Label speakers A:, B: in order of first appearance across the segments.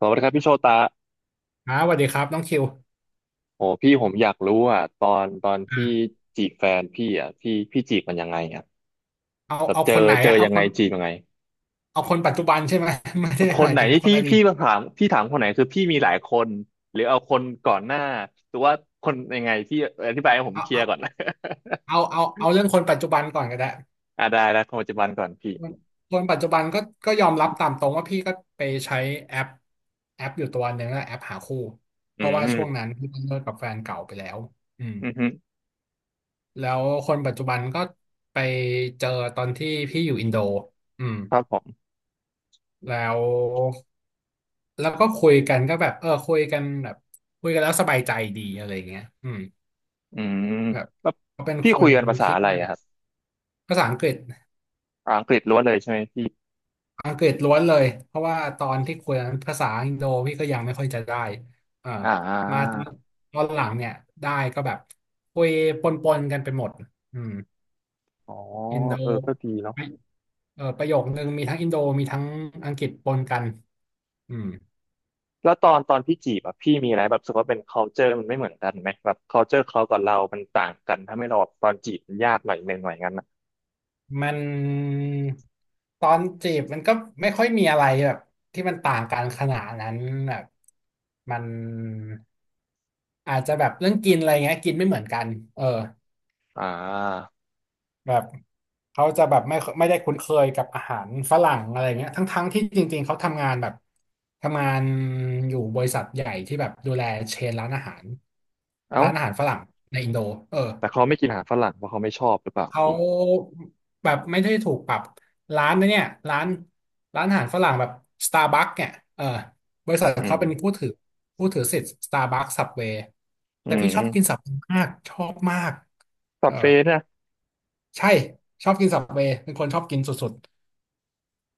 A: สวัสดีครับพี่โชตะ
B: สวัสดีครับน้องคิว
A: โอ้พี่ผมอยากรู้อ่ะตอนพี่
B: อ่า
A: จีบแฟนพี่อ่ะพี่จีบมันยังไงอ่ะ
B: เอา
A: แบบ
B: เอา
A: เจอ
B: คนไหน
A: เจอ
B: อะเอา
A: ยัง
B: ค
A: ไง
B: น
A: จีบยังไง
B: เอาคนปัจจุบันใช่ไหม ไม่ได้
A: ค
B: ห
A: น
B: มาย
A: ไหน
B: ถึงคน
A: ที่พี่
B: อดี
A: พี่
B: ต
A: มาถามพี่ถามคนไหนคือพี่มีหลายคนหรือเอาคนก่อนหน้าหรือว่าคนยังไงพี่อธิบายให้ผม
B: เอา
A: เคลีย
B: เอา
A: ร์ก่อน
B: เอาเรื่องคนปัจจุบันก่อนก็ได้
A: อ่าได้แล้วคนปัจจุบันก่อนพี่
B: คนคนปัจจุบันก็ยอมรับตามตรงว่าพี่ก็ไปใช้แอปแอปอยู่ตัวหนึ่งอะแอปหาคู่เพ
A: อื
B: ราะว่า
A: ม
B: ช่วงนั้นพี่เลิกกับแฟนเก่าไปแล้วอืม
A: อืมฮึ
B: แล้วคนปัจจุบันก็ไปเจอตอนที่พี่อยู่อินโดอืม
A: ครับผม
B: แล้วแล้วก็คุยกันก็แบบเออคุยกันแล้วสบายใจดีอะไรเงี้ยอืม
A: อืม
B: แบบ
A: แล้ว
B: เขาเป็น
A: พี่
B: ค
A: คุย
B: น
A: กันภาษา
B: ที่
A: อะไรอะครับ
B: ภาษาอังกฤษ
A: อังกฤษล้วนเลยใช่ไหมพี่
B: อังกฤษล้วนเลยเพราะว่าตอนที่คุยนั้นภาษาอินโดพี่ก็ยังไม่ค่อยจะได้เอ่อ
A: อ่
B: มา
A: า
B: ตอนหลังเนี่ยได้ก็แบบคุยปนๆกันไปหมดอืม
A: อ๋อ
B: อินโด
A: เออก็ดีเนาะ
B: ประโยคนึงมีทั้งอินโดมีทั้งอังกฤษปนกันอืม
A: แล้วตอนพี่จีบอะพี่มีอะไรแบบรู้สึกว่าเป็น culture มันไม่เหมือนกันไหมแบบ culture เขากับเรามันต่างกันถ้าไม่เราแบบตอนจีบมันยากหน่อยหนึ่งหน่อยงั้นนะ
B: มันตอนจีบมันก็ไม่ค่อยมีอะไรแบบที่มันต่างกันขนาดนั้นแบบมันอาจจะแบบเรื่องกินอะไรเงี้ยกินไม่เหมือนกันเออ
A: อ่า
B: แบบเขาจะแบบไม่ได้คุ้นเคยกับอาหารฝรั่งอะไรเงี้ยทั้งที่จริงๆเขาทำงานอยู่บริษัทใหญ่ที่แบบดูแลเชนร้านอาหาร
A: เอ้า
B: ร้านอาหารฝรั่งในอินโดเออ
A: แต่เขาไม่กินอาหารฝรั่งเพราะเขาไม่ชอบหรือเปล่า
B: เขา
A: พี่
B: แบบไม่ได้ถูกปรับร้านนะเนี่ยร้านร้านอาหารฝรั่งแบบสตาร์บัคเนี่ยเออบริษัท
A: อื
B: เขา
A: ม
B: เป็นผู้ถือสิทธิ์สตาร์บัคสับเวย์
A: อื
B: แต่พี่ชอบกิน
A: ม
B: สับมากชอบมาก
A: สั
B: เอ
A: บ
B: อ
A: เฟสนะ
B: ใช่ชอบกินสับเวย์เป็นคนชอบกินสุด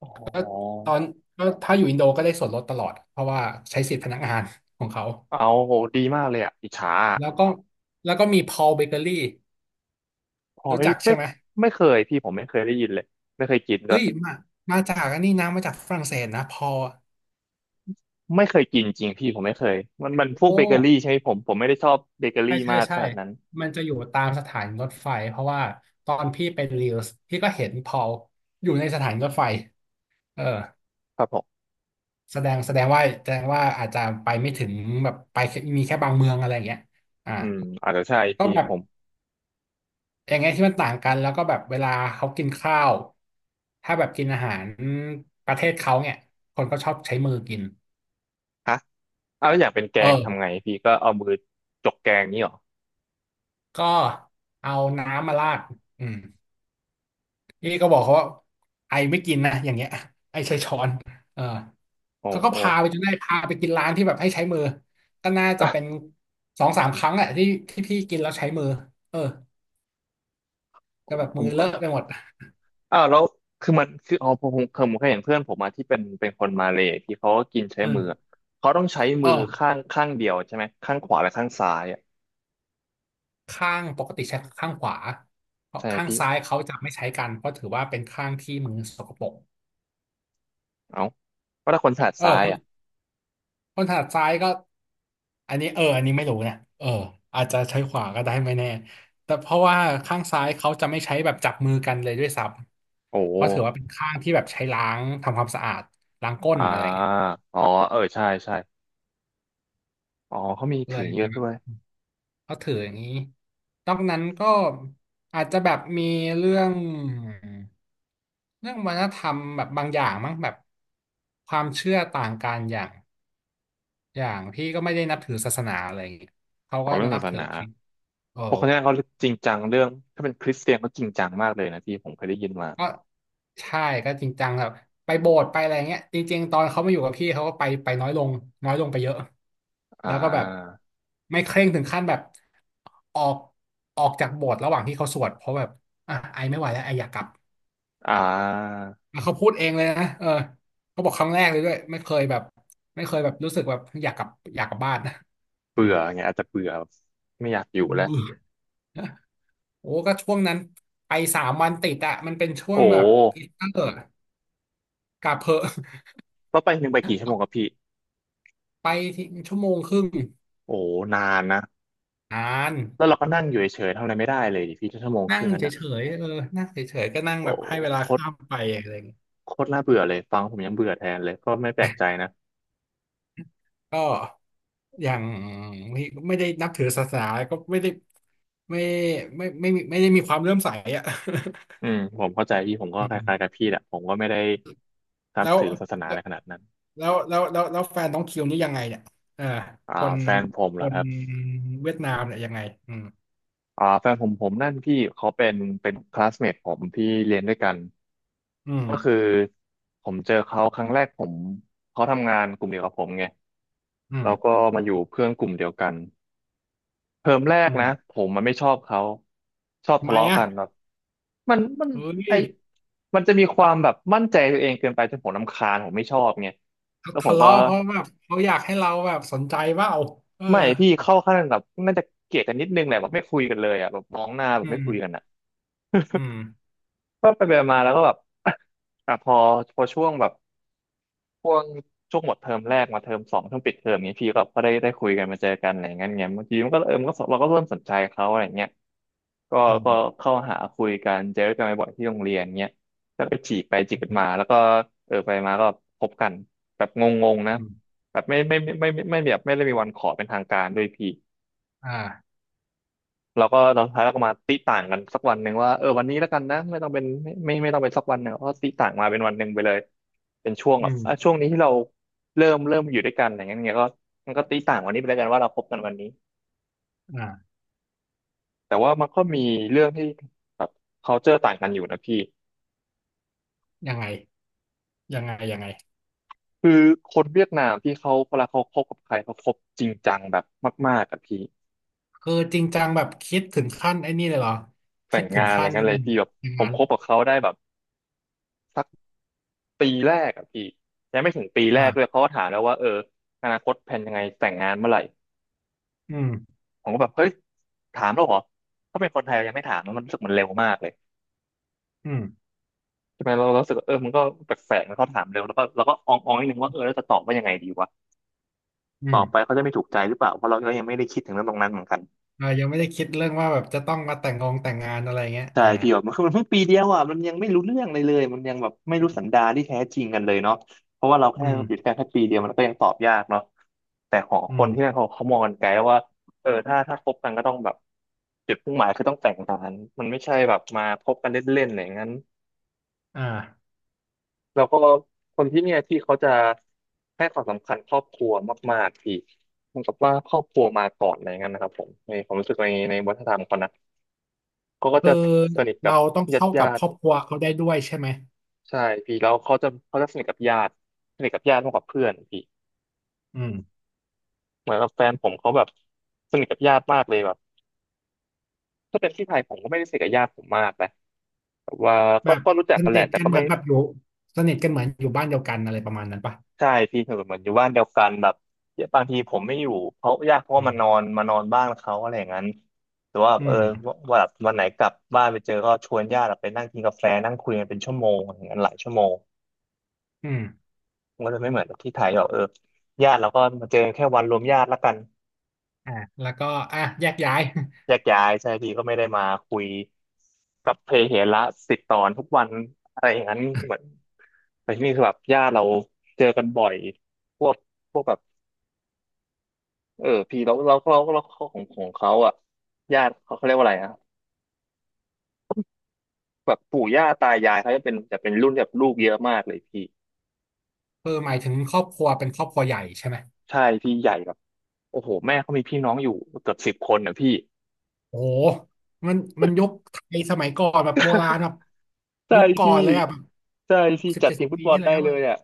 A: อ๋อ
B: ๆแล้วตอนแล้วถ้าอยู่อินโดก็ได้ส่วนลดตลอดเพราะว่าใช้สิทธิ์พนักงานของเขา
A: เอาโหดีมากเลยอะอิจฉาอะ
B: แล้วก็แล้วก็มีพอลเบเกอรี่
A: พอ
B: รู้
A: ไม่
B: จัก
A: ไม่
B: ใช่ไหม
A: ไม่เคยพี่ผมไม่เคยได้ยินเลยไม่เคยกินด้ว
B: เฮ้
A: ย
B: ยมาจากอันนี้นะมาจากฝรั่งเศสนะพอ
A: ไม่เคยกินจริงพี่ผมไม่เคยมันพวก
B: โอ้
A: เบเกอรี่ใช่ไหมผมไม่ได้ชอบเบเกอ
B: ใช่
A: รี่
B: ใช่
A: มากข
B: ใช่
A: นาดนั้น
B: มันจะอยู่ตามสถานีรถไฟเพราะว่าตอนพี่เป็นรีลส์พี่ก็เห็นพอลอยู่ในสถานีรถไฟเออ
A: ครับผม
B: แสดงว่าอาจจะไปไม่ถึงแบบไปแค่มีแค่บางเมืองอะไรอย่างเงี้ยอ่า
A: อืมอาจจะใช่
B: ก็
A: พี่
B: แบบ
A: ผม
B: อย่างเงี้ยที่มันต่างกันแล้วก็แบบเวลาเขากินข้าวถ้าแบบกินอาหารประเทศเขาเนี่ยคนก็ชอบใช้มือกิน
A: ฮะ อ้าวแล้วอยากเป็นแก
B: เออ
A: งทำไงพี่ก็เอามือจกแกงนี่หรอ
B: ก็เอาน้ำมาราดอืม พี่ก็บอกเขาว่าไอไม่กินนะอย่างเงี้ย ไอใช้ช้อนเออ
A: โอ้
B: เขาก็
A: โห
B: พาไปจนได้พาไปกินร้านที่แบบให้ใช้มือก็น่าจะเป็นสองสามครั้งแหละที่พี่กินแล้วใช้มือเออก็แบบ
A: ผ
B: มื
A: ม
B: อเล
A: ก็
B: อะไปหมด
A: อ้าวแล้วคือมันคืออ๋อผมเคยเห็นเพื่อนผมมาที่เป็นคนมาเลย์ที่เขาก็กินใช้
B: อื
A: มืออะ
B: ม
A: เขาต้องใช้
B: เอ
A: มือข้า
B: อ
A: งข้างเดียวใช่ไหมข้างขวาและข้างซ้ายอ่ะ
B: ข้างปกติใช้ข้างขวาเพราะ
A: ใช่ไหม
B: ข้าง
A: พี่
B: ซ้ายเขาจะไม่ใช้กันเพราะถือว่าเป็นข้างที่มือสกปรก
A: เอ้าว่าถ้าคนถนัด
B: เอ
A: ซ้ายอ่ะ
B: อ คนถนัดซ้ายก็อันนี้เอออันนี้ไม่รู้เนี่ยเอออาจจะใช้ขวาก็ได้ไม่แน่แต่เพราะว่าข้างซ้ายเขาจะไม่ใช้แบบจับมือกันเลยด้วยซ้
A: โอ้
B: ำเพราะถือว่าเป็นข้างที่แบบใช้ล้างทำความสะอาดล้างก้น
A: อ่า
B: อะไรเงี้ย
A: อ๋อเออใช่ใช่อ๋อเขามี
B: เล
A: ถือ
B: ย
A: เย
B: จะ
A: อะ
B: แบ
A: ด้
B: บ
A: วย
B: เขาถืออย่างนี้นอกนั้นก็อาจจะแบบมีเรื่องเรื่องวัฒนธรรมแบบบางอย่างมั้งแบบความเชื่อต่างกันอย่างพี่ก็ไม่ได้นับถือศาสนาอะไรอย่างเงี้ยเขา
A: อ๋อ
B: ก็
A: เรื่อง
B: นั
A: ศา
B: บ
A: ส
B: ถือ
A: นา
B: คริสต์โอ้
A: เพราะคนนั้นเขาจริงจังเรื่องถ้าเป็นคริสเตียนเขาจริงจังมากเลยนะพี่ผมเคยได้ยินมา
B: ก็ใช่ก็จริงจังแบบไปโบสถ์ไปอะไรเงี้ยจริงๆตอนเขามาอยู่กับพี่เขาก็ไปน้อยลงน้อยลงไปเยอะ
A: อ่
B: แล้วก็แบบ
A: า
B: ไม่เคร่งถึงขั้นแบบออกออกจากโบสถ์ระหว่างที่เขาสวดเพราะแบบอ่ะไอไม่ไหวแล้วไออยากกลับ
A: อ่า
B: แล้วเขาพูดเองเลยนะเออเขาบอกครั้งแรกเลยด้วยไม่เคยแบบรู้สึกแบบอยากกลับบ้าน นะอื
A: เบื่
B: ม
A: อไงอาจจะเบื่อไม่อยากอยู่แล้ว
B: เบื่อ โอ้ก็ช่วงนั้นไป3 วันติดอะมันเป็นช่ว
A: โอ้
B: งแบบอิสเตอร์กลับเพอะ
A: ว่าไปหนึ่งไปกี่ชั่วโมงกับพี่
B: ไปที่ชั่วโมงครึ่ง
A: โอ้นานนะ
B: นาน
A: แล้วเราก็นั่งอยู่เฉยๆทำอะไรไม่ได้เลยดิพี่ชั่วโมงค
B: นั่ง
A: รึ่งนั้น
B: เฉ
A: นะ
B: ยๆเออนั่งเฉยๆก็นั่งแบ
A: โอ้
B: บให้เวลา
A: โคตร
B: ข้ามไปอะไรอย่างเงี้ย
A: โคตรน่าเบื่อเลยฟังผมยังเบื่อแทนเลยก็ไม่แปลกใจนะ
B: ก็อย่างไม่ไม่ได้นับถือศาสนาก็ไม่ได้ไม่ไม่ได้มีความเลื่อมใสอ่ะ
A: อืมผมเข้าใจพี่ผมก็
B: อื
A: คล้ายๆกับ
B: ม
A: พี่แหละผมก็ไม่ได้นับ
B: แล้ว
A: ถือศาสนาอะไรขนาดนั้น
B: แล้วแฟนน้องคิวนี่ยังไงเนี่ยเออ
A: อ่า
B: คน
A: แฟนผมเห
B: ค
A: รอค
B: น
A: รับ
B: เวียดนามเนี่ยยังไงอืม
A: อ่าแฟนผมผมนั่นพี่เขาเป็นคลาสเมทผมที่เรียนด้วยกัน
B: อืม
A: ก็คือผมเจอเขาครั้งแรกผมเขาทำงานกลุ่มเดียวกับผมไง
B: อื
A: แล้
B: ม
A: วก็มาอยู่เพื่อนกลุ่มเดียวกันเทอมแรก
B: อื
A: นะ
B: ม
A: ผมมันไม่ชอบเขาชอบ
B: ทำ
A: ทะ
B: ไม
A: เลาะ
B: อ่ะ
A: กันแบบมัน
B: เฮ้
A: ไอ
B: ย
A: มันจะมีความแบบมั่นใจตัวเองเกินไปจนผมรำคาญผมไม่ชอบไง
B: เขา
A: แล้วผ
B: ทะ
A: มก็
B: เลาะเพราะแบบเขาอยากให้เราแบบสนใจเปล่าเออ
A: ไม่พี่เข้าขั้นแบบน่าจะเกลียดกันนิดนึงแหละแบบไม่คุยกันเลยอ่ะแบบมองหน้าแบ
B: อื
A: บไม่
B: ม
A: คุยกันอ่ะ
B: อืม
A: ก็ไปไปมาแล้วก็แบบ อ่ะพอช่วงแบบช่วงช่วงหมดเทอมแรกมาเทอมสองช่วงปิดเทอมนี้พี่ก็ได้คุยกันมาเจอกันอะไรอย่างเงี้ยบางทีมันก็เออมันก็เราก็เริ่มสนใจเขาอะไรอย่างเงี้ย ก็
B: อื
A: ก็
B: ม
A: เข้าหาคุยกันเจอกันบ่อยๆที่โรงเรียนเงี้ยแล้วก็จีบไปจีบกันมาแล้วก็เออไปมาก็พบกันแบบงงๆนะ
B: อืม
A: แบบไม่ไม่ไม่ไม่ไม่ไม่ไม่แบบไม่ได้มีวันขอเป็นทางการด้วยพี่
B: อ่า
A: เราก็เราดท้ายเราก็มาติต่างกันสักวันหนึ่งว่าเออวันนี้แล้วกันนะไม่ต้องเป็นไม่ต้องเป็นสักวันหนึ่งก็ติต่างมาเป็นวันหนึ่งไปเลยเป็นช่วง
B: อื
A: แบบ
B: ม
A: อ่ะช่วงนี้ที่เราเริ่มอยู่ด้วยกันอะไรเงี้ยเงี้ยก็มันก็ติต่างวันนี้ไปแล้วกันว่าเราพบกันวันนี้
B: อ่า
A: แต่ว่ามันก็มีเรื่องที่แบบ culture ต่างกันอยู่นะพี่
B: ยังไงยังไงยังไง
A: คือคนเวียดนามที่เขาเวลาเขาคบกับใครเขาคบจริงจังแบบมากๆกับพี่
B: คือจริงจังแบบคิดถึงขั้นไอ้นี่เลยเหรอ
A: แต่
B: คิด
A: ง
B: ถึ
A: งา
B: ง
A: นอะไร
B: ขั้น
A: เงี้ยเลยพี่แบบ
B: อย่าง
A: ผม
B: นั้น
A: คบกับเขาได้แบบสักปีแรกอะพี่ยังไม่ถึงปีแรกเลย
B: อ่า
A: เขาก็ถามแล้วว่าเอออนาคตแผนยังไงแต่งงานเมื่อไหร่
B: อืม
A: ผมก็แบบเฮ้ยถามแล้วเหรอถ้าเป็นคนไทยยังไม่ถามนะมันรู้สึกมันเร็วมากเลย
B: อืม
A: ใช่ไหมเรารู้สึกว่าเออมันก็แปลกๆนะเขาถามเร็วแล้วก็เราก็อองๆนิดนึงว่าเออแล้วจะตอบว่ายังไงดีวะ
B: อื
A: ตอ
B: ม
A: บไปเขาจะไม่ถูกใจหรือเปล่าเพราะเราก็ยังไม่ได้คิดถึงเรื่องตรงนั้นเหมือนกัน
B: ยังไม่ได้คิดเรื่องว่าแบบจะต้องมาแต่งงานอะไรเงี้ย
A: ใช่
B: อ่า
A: พี่ แบบมันคือมันเพิ่งปีเดียวอ่ะมันยังไม่รู้เรื่องเลยมันยังแบบไม่
B: อื
A: รู้สัน
B: ม
A: ดานที่แท้จริงกันเลยเนาะเพราะว่าเราแค่ติดแค่ปีเดียวมันก็ยังตอบยากเนาะแต่ของ
B: อื
A: คนที่นั่น
B: ม
A: เขามองกันไกลว่าเออถ้าคบกันก็ต้องแบบจุดมุ่งหมายคือต้องแต่งงานมันไม่ใช่แบบมาคบกันเล่นๆอะไรอย่างนั้น
B: อ่า
A: แล้วก็คนที่เนี่ยที่เขาจะให้ความสำคัญครอบครัวมากๆพี่เหมือนกับว่าครอบครัวมาก่อนอะไรอย่างนั้นนะครับผมในความรู้สึกในวัฒนธรรมเขานะก็
B: คือ
A: จะสนิทกับ
B: เราต้องเข้ากับ
A: ญา
B: ค
A: ติ
B: รอบ
A: ๆ
B: ครัวเขาได้ด้วยใช่ไหม
A: ใช่พี่แล้วเขาจะสนิทกับญาติมากกว่าเพื่อนพี่
B: อืม
A: เหมือนกับแฟนผมเขาแบบสนิทกับญาติมากเลยแบบถ้าเป็นที่ไทยผมก็ไม่ได้สนิทกับญาติผมมากนะแบบว่า
B: แบ
A: ก็
B: บ
A: ก็รู้จั
B: ส
A: กกันแห
B: นิ
A: ละ
B: ท
A: แต่
B: กัน
A: ก็
B: เหมือ
A: ไม่
B: นแบบอยู่สนิทกันเหมือนอยู่บ้านเดียวกันอะไรประมาณนั้นป่ะ
A: ใช่พี่เหมือนอยู่บ้านเดียวกันแบบบางทีผมไม่อยู่เพราะญาติเขาก็
B: อืม
A: มานอนบ้านเขาอะไรอย่างนั้นหรือว่า
B: อื
A: เออ
B: ม
A: วันวันไหนกลับบ้านไปเจอก็ชวนญาติไปนั่งกินกาแฟนั่งคุยกันเป็นชั่วโมงอย่างนั้นหลายชั่วโมง
B: อืม
A: มันก็จะไม่เหมือนกับที่ไทยแบบเออญาติเราก็มาเจอแค่วันรวมญาติละกัน
B: อ่ะแล้วก็อ่ะแยกย้าย
A: แยกย้ายใช่พี่ก็ไม่ได้มาคุยกับเพเหระสิบตอนทุกวันอะไรอย่างนั้นเหมือนแต่ที่นี่คือแบบญาติเราเจอกันบ่อยพวกพวกแบบเออพี่เราของเขาอ่ะญาติเขาเรียกว่าอะไรอ่ะแบบปู่ย่าตายายเขาจะเป็นรุ่นแบบลูกเยอะมากเลยพี่
B: คออหมายถึงครอบครัวเป็นครอบครัวใหญ่ใช่ไหม
A: ใช่พี่ใหญ่แบบโอ้โหแม่เขามีพี่น้องอยู่เกือบสิบคนนะพี่
B: โอ้โหมันยุคไทยสมัยก่อนแบบโบราณ แบบ
A: ใช่
B: ยุคก่อ
A: พี่
B: นเลยอ่ะแบบ
A: ใช่
B: หก
A: พี่
B: สิบ
A: จัด
B: เจ็ด
A: ที
B: สิ
A: ม
B: บ
A: ฟุต
B: ปี
A: บอล
B: ที่แล้
A: ได้
B: ว
A: เล
B: อ่ะ
A: ยอ่ะ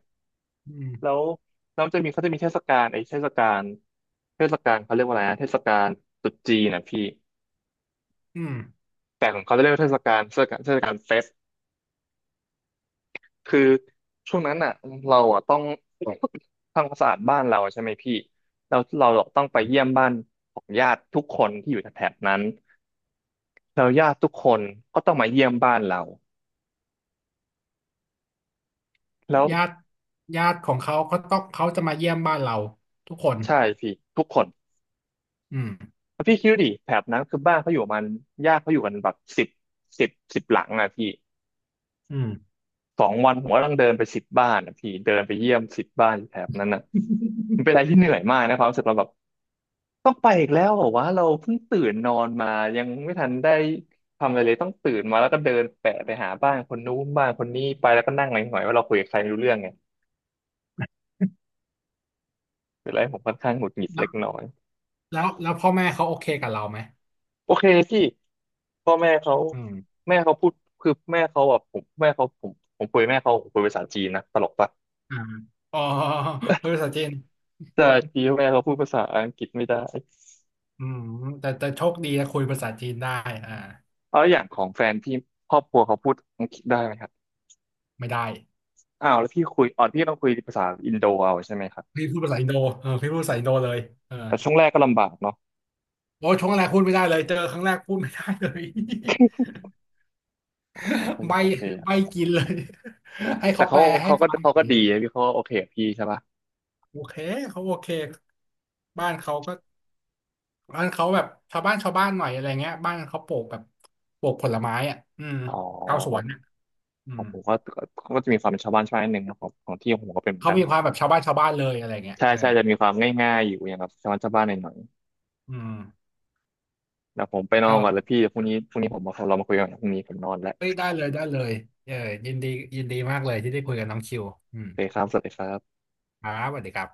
B: อืม
A: แล้วแล้วจะมีเขาจะมีเทศกาลไอ้เทศกาลเทศกาลเขาเรียกว่าอะไรนะเทศกาลตรุษจีนนะพี่
B: อืม
A: แต่ของเขาจะเรียกว่าเทศกาลเฟสคือช่วงนั้นอ่ะเราอ่ะต้องทำความสะอาดบ้านเราใช่ไหมพี่เราต้องไป
B: อืม
A: เยี่ยมบ้านของญาติทุกคนที่อยู่แถบนั้นแล้วญาติทุกคนก็ต้องมาเยี่ยมบ้านเราแล้ว
B: ญาติญาติของเขาเขาต้องเขาจะมาเยี่ยมบ้านเราทุกคน
A: ใช่พี่ทุกคน
B: อืม
A: แล้วพี่คิดดูดิแถบนั้นคือบ้านเขาอยู่ประมันญาติเขาอยู่กันแบบสิบหลังอ่ะพี่
B: อืม
A: 2 วันผมก็ต้องเดินไปสิบบ้านนะพี่เดินไปเยี่ยมสิบบ้านแถบนั้นนะมันเป็นอะไรที่เหนื่อยมากนะความรู้สึกเราแบบต้องไปอีกแล้วเหรอวะเราเพิ่งตื่นนอนมายังไม่ทันได้ทำอะไรเลยต้องตื่นมาแล้วก็เดินแปะไปหาบ้านคนนู้นบ้านคนนี้ไปแล้วก็นั่งหงอยๆว่าเราคุยกับใครไม่รู้เรื่องไงเป็นอะไรผมค่อนข้างหงุดหงิด
B: แล้
A: เล็
B: ว
A: กน้อย
B: แล้วพ่อแม่เขาโอเคกับเราไหม
A: โอเคพี่พ่อแม่เขา
B: อืม
A: แม่เขาพูดคือแม่เขาแบบผมแม่เขาผมคุยแม่เขาผมคุยภาษาจีนนะตลกปะ
B: อ่าอ๋อพูดภาษาจีน
A: แต่จีนแม่เขาพูดภาษาอังกฤษไม่ได้
B: อืมแต่โชคดีนะคุยภาษาจีนได้อ่า
A: แล้วอย่างของแฟนพี่ครอบครัวเขาพูดอังกฤษได้ไหมครับ
B: ไม่ได้
A: อ้าวแล้วพี่คุยอ๋อพี่ต้องคุยภาษาอินโดเอาใช่ไหมครับ
B: พี่พูดภาษาอินโดเออพี่พูดภาษาอินโดเลยเออ
A: แต่ช่วงแรกก็ลำบากเนาะ
B: โอ้ช่วงแรกพูดไม่ได้เลยเจอครั้งแรกพูดไม่ได้เลย
A: โอ้ก็ ยั
B: ไม่
A: งโอเคอะ
B: กินเลย ให้
A: แต่
B: เขาแป
A: เขา
B: ลให้
A: เขาก็
B: ฟังห
A: เขา
B: น่อ
A: ก็
B: ย
A: ดีนะพี่เขาก็โอเคกับพี่ใช่ปะ
B: โอเคเขาโอเคบ้านเขาก็บ้านเขาแบบชาวบ้านชาวบ้านหน่อยอะไรเงี้ยบ้านเขาปลูกผลไม้อ่ะอืม
A: อ๋อ
B: ชาวส
A: ขอ
B: ว
A: ง
B: นอ่ะอืม
A: ผมก็จะมีความเป็นชาวบ้านชาวบ้านนิดนึงนะของของที่ของผมก็เป็นเหมือน
B: เขา
A: กัน
B: มีความแบบชาวบ้านชาวบ้านเลยอะไรเงี้ย
A: ใช่
B: เออ
A: ใช่จะมีความง่ายๆอยู่อย่างแบบชาวบ้านชาวบ้านหน่อย
B: อืม
A: ๆเดี๋ยวผมไปนอน
B: ก็
A: ก่อนแล้วพี่พรุ่งนี้ผมมาเรามาคุยกันพรุ่งนี้ผมนอนแล้ว
B: เฮ้ยได้เลยได้เลยเออยินดียินดีมากเลยที่ได้คุยกับน้องคิวอื
A: โอ
B: ม
A: เคครับสวัสดีครับ
B: ครับสวัสดีครับ